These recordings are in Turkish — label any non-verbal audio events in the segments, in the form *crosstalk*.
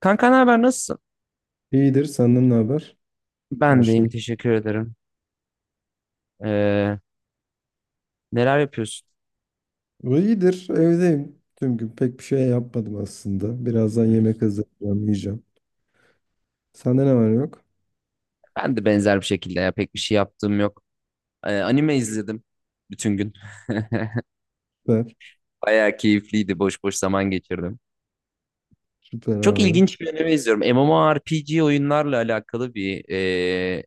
Kanka ne haber, nasılsın? İyidir. Senden ne haber? Her Ben şey deyim, teşekkür ederim. Ee, Neler yapıyorsun? iyidir. Evdeyim. Tüm gün pek bir şey yapmadım aslında. Birazdan yemek hazırlayacağım, yiyeceğim. Sende ne var ne yok? Ben de benzer bir şekilde ya, pek bir şey yaptığım yok. Anime izledim bütün gün. *laughs* Süper. Bayağı keyifliydi, boş boş zaman geçirdim. Süper Çok abi. ilginç bir anime izliyorum. MMORPG oyunlarla alakalı bir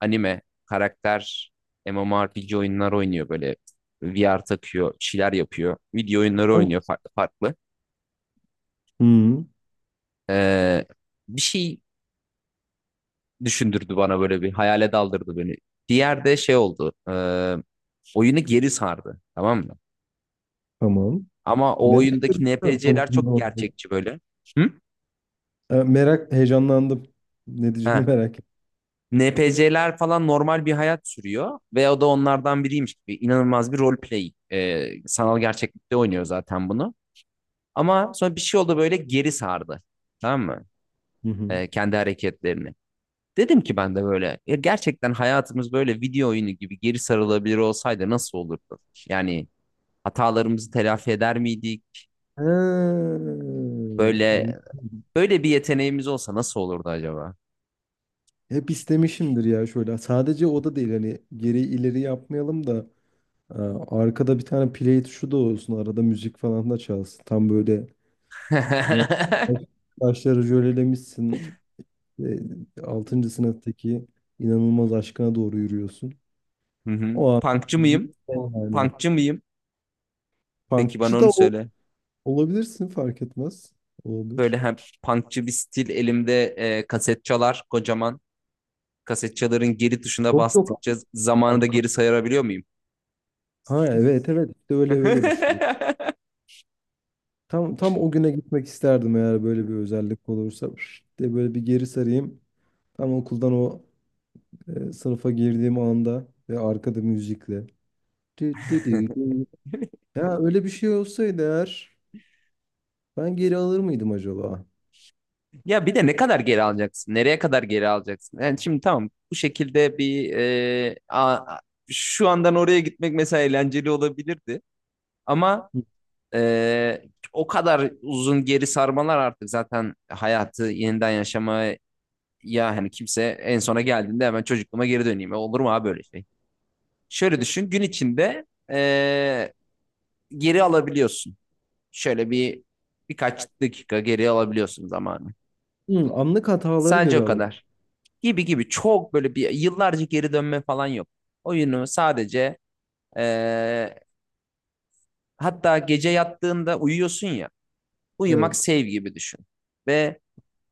anime karakter MMORPG oyunlar oynuyor böyle, VR takıyor, bir şeyler yapıyor. Video oyunları oynuyor farklı farklı. Hı, Ee, Bir şey düşündürdü bana, böyle bir hayale daldırdı beni. Diğer de şey oldu. Oyunu geri sardı. Tamam mı? tamam. Ama o Merak oyundaki ediyorum. NPC'ler Sonucunda çok oldu. gerçekçi böyle. Hı? Merak, heyecanlandım. Ne diyeceğini Ha. merak ettim. NPC'ler falan normal bir hayat sürüyor ve o da onlardan biriymiş gibi inanılmaz bir roleplay. E, sanal gerçeklikte oynuyor zaten bunu. Ama sonra bir şey oldu, böyle geri sardı. Tamam mı? Hı hı. E, kendi hareketlerini. Dedim ki ben de böyle, "Ya gerçekten hayatımız böyle video oyunu gibi geri sarılabilir olsaydı nasıl olurdu? Yani hatalarımızı telafi eder miydik? Ha, Böyle an- böyle bir yeteneğimiz olsa nasıl olurdu acaba?" hep istemişimdir ya şöyle. Sadece o da değil, hani geri ileri yapmayalım da e, arkada bir tane play tuşu da olsun. Arada müzik falan da çalsın. Tam böyle evet, Baş, *laughs* başları jölelemişsin. 6. sınıftaki inanılmaz aşkına doğru yürüyorsun. Hı hı. O an Punkçı mıyım? gitsen yani. Punkçı mıyım? Peki, bana Punkçı onu da o, söyle. olabilirsin, fark etmez. Böyle Olabilir. hem punkçı bir stil, elimde kaset çalar kocaman. Kaset çaların geri tuşuna Yok, yok. bastıkça zamanı da Hakikaten. geri sayabiliyor muyum? Ha, evet evet, işte öyle öyle bir şey. *laughs* Tam tam o güne gitmek isterdim, eğer böyle bir özellik olursa. Pşt diye böyle bir geri sarayım. Tam okuldan o sınıfa girdiğim anda, ve arkada müzikle. Tü tü tü tü. Ya öyle bir şey olsaydı eğer, ben geri alır mıydım acaba? Ya bir de ne kadar geri alacaksın? Nereye kadar geri alacaksın? Yani şimdi tamam, bu şekilde bir şu andan oraya gitmek mesela eğlenceli olabilirdi. Ama Ee, o kadar uzun geri sarmalar artık zaten hayatı yeniden yaşamaya, hani kimse en sona geldiğinde hemen çocukluğuma geri döneyim. E, olur mu abi böyle şey? Şöyle düşün, gün içinde ee, geri alabiliyorsun. Şöyle bir birkaç dakika geri alabiliyorsun zamanı. Hmm, anlık hataları Sadece geri o alabilirim. kadar. Gibi gibi, çok böyle bir yıllarca geri dönme falan yok. Oyunu sadece ee, hatta gece yattığında uyuyorsun ya, uyumak Evet. save gibi düşün. Ve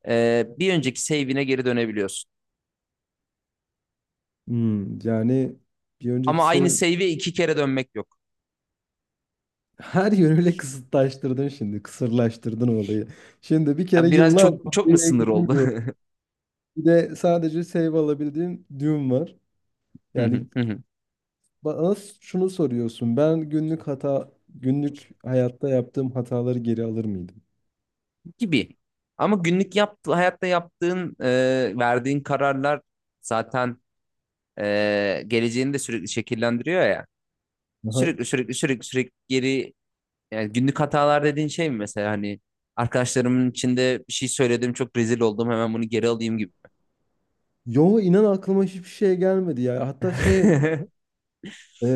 bir önceki save'ine geri dönebiliyorsun. Hmm, yani bir önceki Ama aynı sev... save'e iki kere dönmek yok. *laughs* Her yönüyle kısıtlaştırdın şimdi. Kısırlaştırdın olayı. Şimdi bir kere Biraz yıllar çok çok mu oraya sınır oldu? gidemiyor. Bir de sadece save alabildiğim düğüm var. Yani *laughs* bana şunu soruyorsun. Ben günlük hata, günlük hayatta yaptığım hataları geri alır mıydım? Gibi. Ama günlük yaptı, hayatta yaptığın, verdiğin kararlar zaten geleceğini de sürekli şekillendiriyor ya. Aha. Sürekli sürekli sürekli sürekli geri, yani günlük hatalar dediğin şey mi mesela, hani arkadaşlarımın içinde bir şey söyledim çok rezil oldum, hemen bunu geri alayım gibi. Yo, inan aklıma hiçbir şey gelmedi ya. Hatta şey, *laughs* e,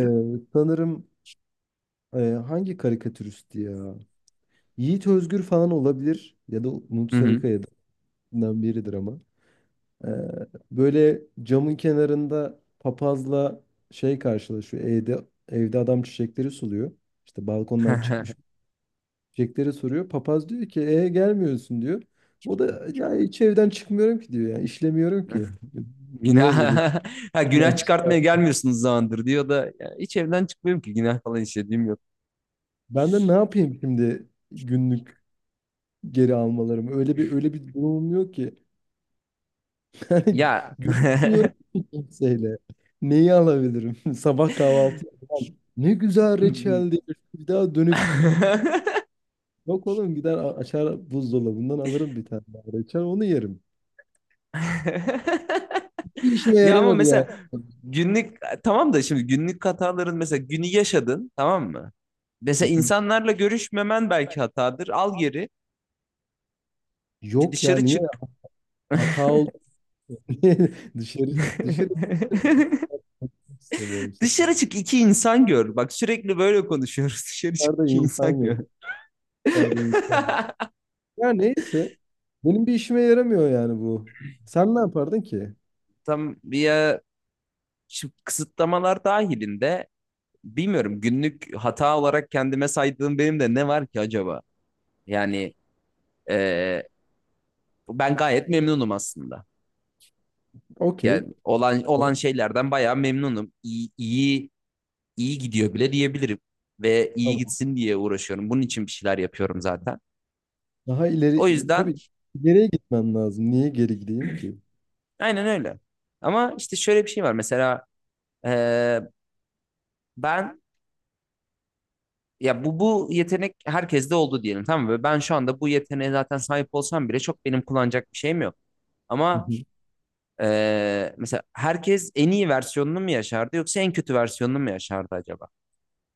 sanırım Ee, hangi karikatüristi ya? Yiğit Özgür falan olabilir, ya da Umut Hı Sarıkaya'dan biridir ama. Ee, böyle camın kenarında papazla şey karşılaşıyor. Evde, evde adam çiçekleri suluyor. İşte balkondan çıkmış çiçekleri soruyor. Papaz diyor ki, e gelmiyorsun diyor. O da ya hiç evden çıkmıyorum ki diyor. Yani işlemiyorum hı. ki. Niye Günah, geleyim? *laughs* ha, günah çıkartmaya gelmiyorsunuz zamandır diyor da, "Ya hiç evden çıkmıyorum ki, günah falan işlediğim yok." Ben de ne yapayım şimdi, günlük geri almalarım? Öyle bir öyle bir durumum yok ki. Yani Ya. *laughs* görüşmüyorum *laughs* ki kimseyle. Neyi alabilirim? *laughs* Sabah kahvaltı yapmam. Ne güzel reçeldi. Bir daha dönüp bir yiyeyim. Yok oğlum, gider açar buzdolabından alırım bir tane daha reçel, onu yerim. Bir işime Ya ama yaramadı yani. mesela günlük, tamam da şimdi günlük hataların, mesela günü yaşadın tamam mı? Mesela *laughs* insanlarla görüşmemen belki hatadır. Al geri, bir Yok ya, dışarı niye çık. hata oldu *laughs* diye dışarı çık, dışarı *laughs* çık. İstemiyorum sana. Dışarı çık, iki insan gör. Bak, sürekli böyle konuşuyoruz. *laughs* Dışarı çık, Dışarıda iki insan insan gör. yok. Dışarıda insan yok. *laughs* Ya neyse. Benim bir işime yaramıyor yani bu. Sen ne yapardın ki? Tam bir kısıtlamalar dahilinde bilmiyorum, günlük hata olarak kendime saydığım benim de ne var ki acaba? Yani e, ben gayet memnunum aslında. Okey. Yani olan olan şeylerden bayağı memnunum. İyi, iyi iyi gidiyor bile diyebilirim ve iyi Tamam. gitsin diye uğraşıyorum. Bunun için bir şeyler yapıyorum zaten. Daha O ileri, yüzden tabii ileriye gitmem lazım. Niye geri gideyim ki? aynen öyle. Ama işte şöyle bir şey var. Mesela e, ben, ya bu yetenek herkeste oldu diyelim tamam mı? Ve ben şu anda bu yeteneğe zaten sahip olsam bile çok benim kullanacak bir şeyim yok. Hı Ama hı, mesela herkes en iyi versiyonunu mu yaşardı yoksa en kötü versiyonunu mu yaşardı acaba?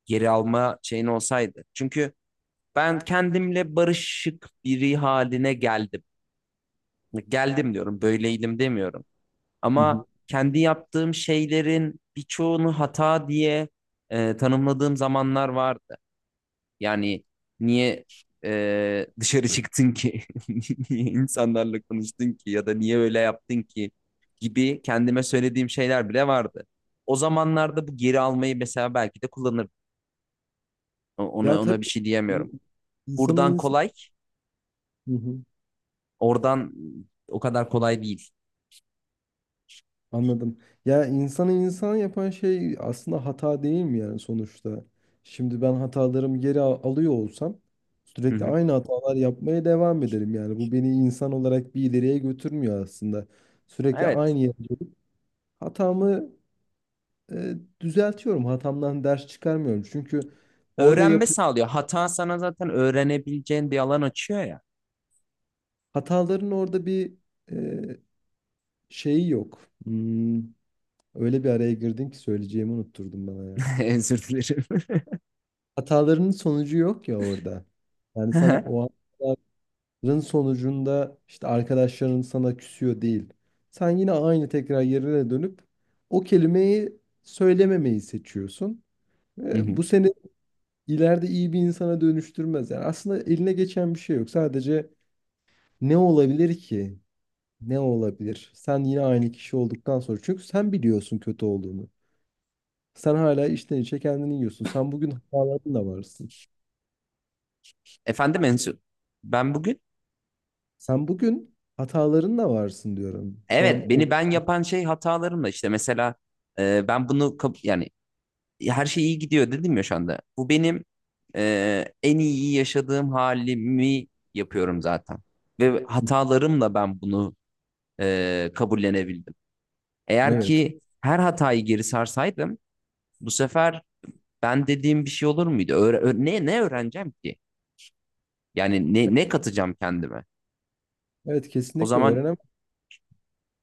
Geri alma şeyin olsaydı. Çünkü ben kendimle barışık biri haline geldim. Geldim diyorum, böyleydim demiyorum. hı hı. Ama kendi yaptığım şeylerin birçoğunu hata diye tanımladığım zamanlar vardı. Yani niye dışarı çıktın ki? *laughs* Niye insanlarla konuştun ki? Ya da niye öyle yaptın ki? Gibi kendime söylediğim şeyler bile vardı. O zamanlarda bu geri almayı mesela belki de kullanırdım. Ona Ya tabii, ona bir şey bu diyemiyorum. insanı Buradan insan... kolay, Hı hı, oradan o kadar kolay değil. anladım. Ya insanı insan yapan şey aslında hata değil mi yani sonuçta? Şimdi ben hatalarımı alıyor olsam, Hı sürekli hı. aynı hatalar yapmaya devam ederim yani. Bu beni insan olarak bir ileriye götürmüyor aslında. Sürekli Evet. aynı yere dönüp hatamı e, düzeltiyorum. Hatamdan ders çıkarmıyorum. Çünkü orada Öğrenme yap... sağlıyor. Hata sana zaten öğrenebileceğin bir alan açıyor ya. Hataların orada bir e, şeyi yok. Hmm, öyle bir araya girdin ki söyleyeceğimi unutturdun bana ya. *laughs* Özür dilerim. Hatalarının sonucu yok ya orada. Yani sana *laughs* o hataların sonucunda işte arkadaşların sana küsüyor değil. Sen yine aynı tekrar yerine dönüp o kelimeyi söylememeyi seçiyorsun. Hı hı. Bu seni ileride iyi bir insana dönüştürmez. Yani aslında eline geçen bir şey yok. Sadece ne olabilir ki? Ne olabilir? Sen yine aynı kişi olduktan sonra. Çünkü sen biliyorsun kötü olduğunu. Sen hala içten içe kendini yiyorsun. Sen bugün hatalarınla varsın. Efendim Ensu, ben bugün Sen bugün hatalarınla varsın diyorum. Şu an evet, o... beni ben yapan şey hatalarımla, işte mesela ben bunu yani her şey iyi gidiyor dedim ya şu anda. Bu benim en iyi yaşadığım halimi yapıyorum zaten. Ve *laughs* hatalarımla ben bunu kabullenebildim. Eğer Evet. ki her hatayı geri sarsaydım bu sefer ben dediğim bir şey olur muydu? Ne ne öğreneceğim ki? Yani ne ne katacağım kendime? Evet, O kesinlikle zaman öğrenem.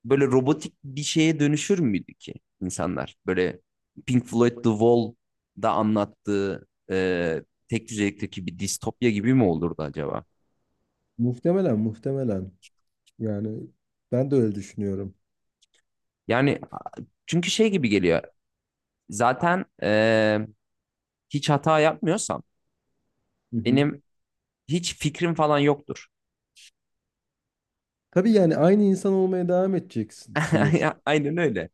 böyle robotik bir şeye dönüşür müydü ki insanlar? Böyle Pink Floyd The Wall'da anlattığı tek düzelikteki bir distopya gibi mi olurdu acaba? Muhtemelen, muhtemelen. Yani ben de öyle düşünüyorum. Yani çünkü şey gibi geliyor. Zaten hiç hata yapmıyorsam Hı hı. benim hiç fikrim falan yoktur. Tabii yani aynı insan olmaya devam edeceksin sonuçta. *laughs* Aynen öyle.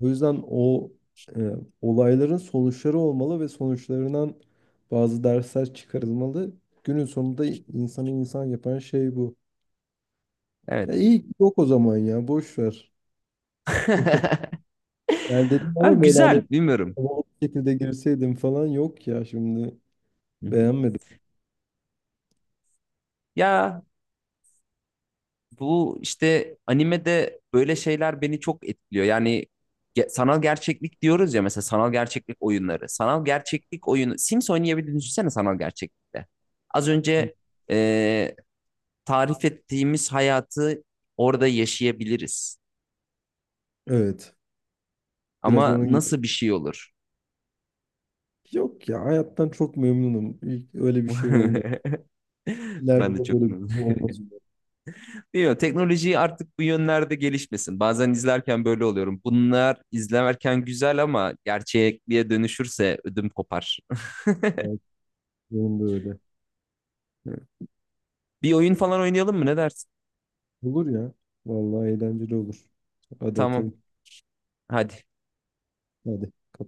O yüzden o e, olayların sonuçları olmalı ve sonuçlarından bazı dersler çıkarılmalı. Günün sonunda insanı insan yapan şey bu. Evet. Ya iyi ki yok o zaman, ya boş ver. *laughs* Yani dedim Abi ama böyle hani güzel, bilmiyorum. o şekilde girseydim falan, yok ya, şimdi Hı hı. beğenmedim. Ya, bu işte animede böyle şeyler beni çok etkiliyor. Yani sanal gerçeklik diyoruz ya, mesela sanal gerçeklik oyunları. Sanal gerçeklik oyunu Sims oynayabildiğini düşünsene sanal gerçeklikte. Az önce e, tarif ettiğimiz hayatı orada yaşayabiliriz. Evet, biraz Ama onun gibi. nasıl bir şey olur? Yok ya, hayattan çok memnunum. İlk öyle bir şey olmadı. *laughs* Ben İleride de de çok böyle bir şey olmaz umarım. bilmiyorum, teknoloji artık bu yönlerde gelişmesin. Bazen izlerken böyle oluyorum. Bunlar izlerken güzel ama gerçekliğe dönüşürse ödüm kopar. Belki. Benim de öyle. *laughs* Bir oyun falan oynayalım mı? Ne dersin? Olur ya. Vallahi eğlenceli olur. Hadi Tamam. atalım. Hadi. Hadi. Kapat.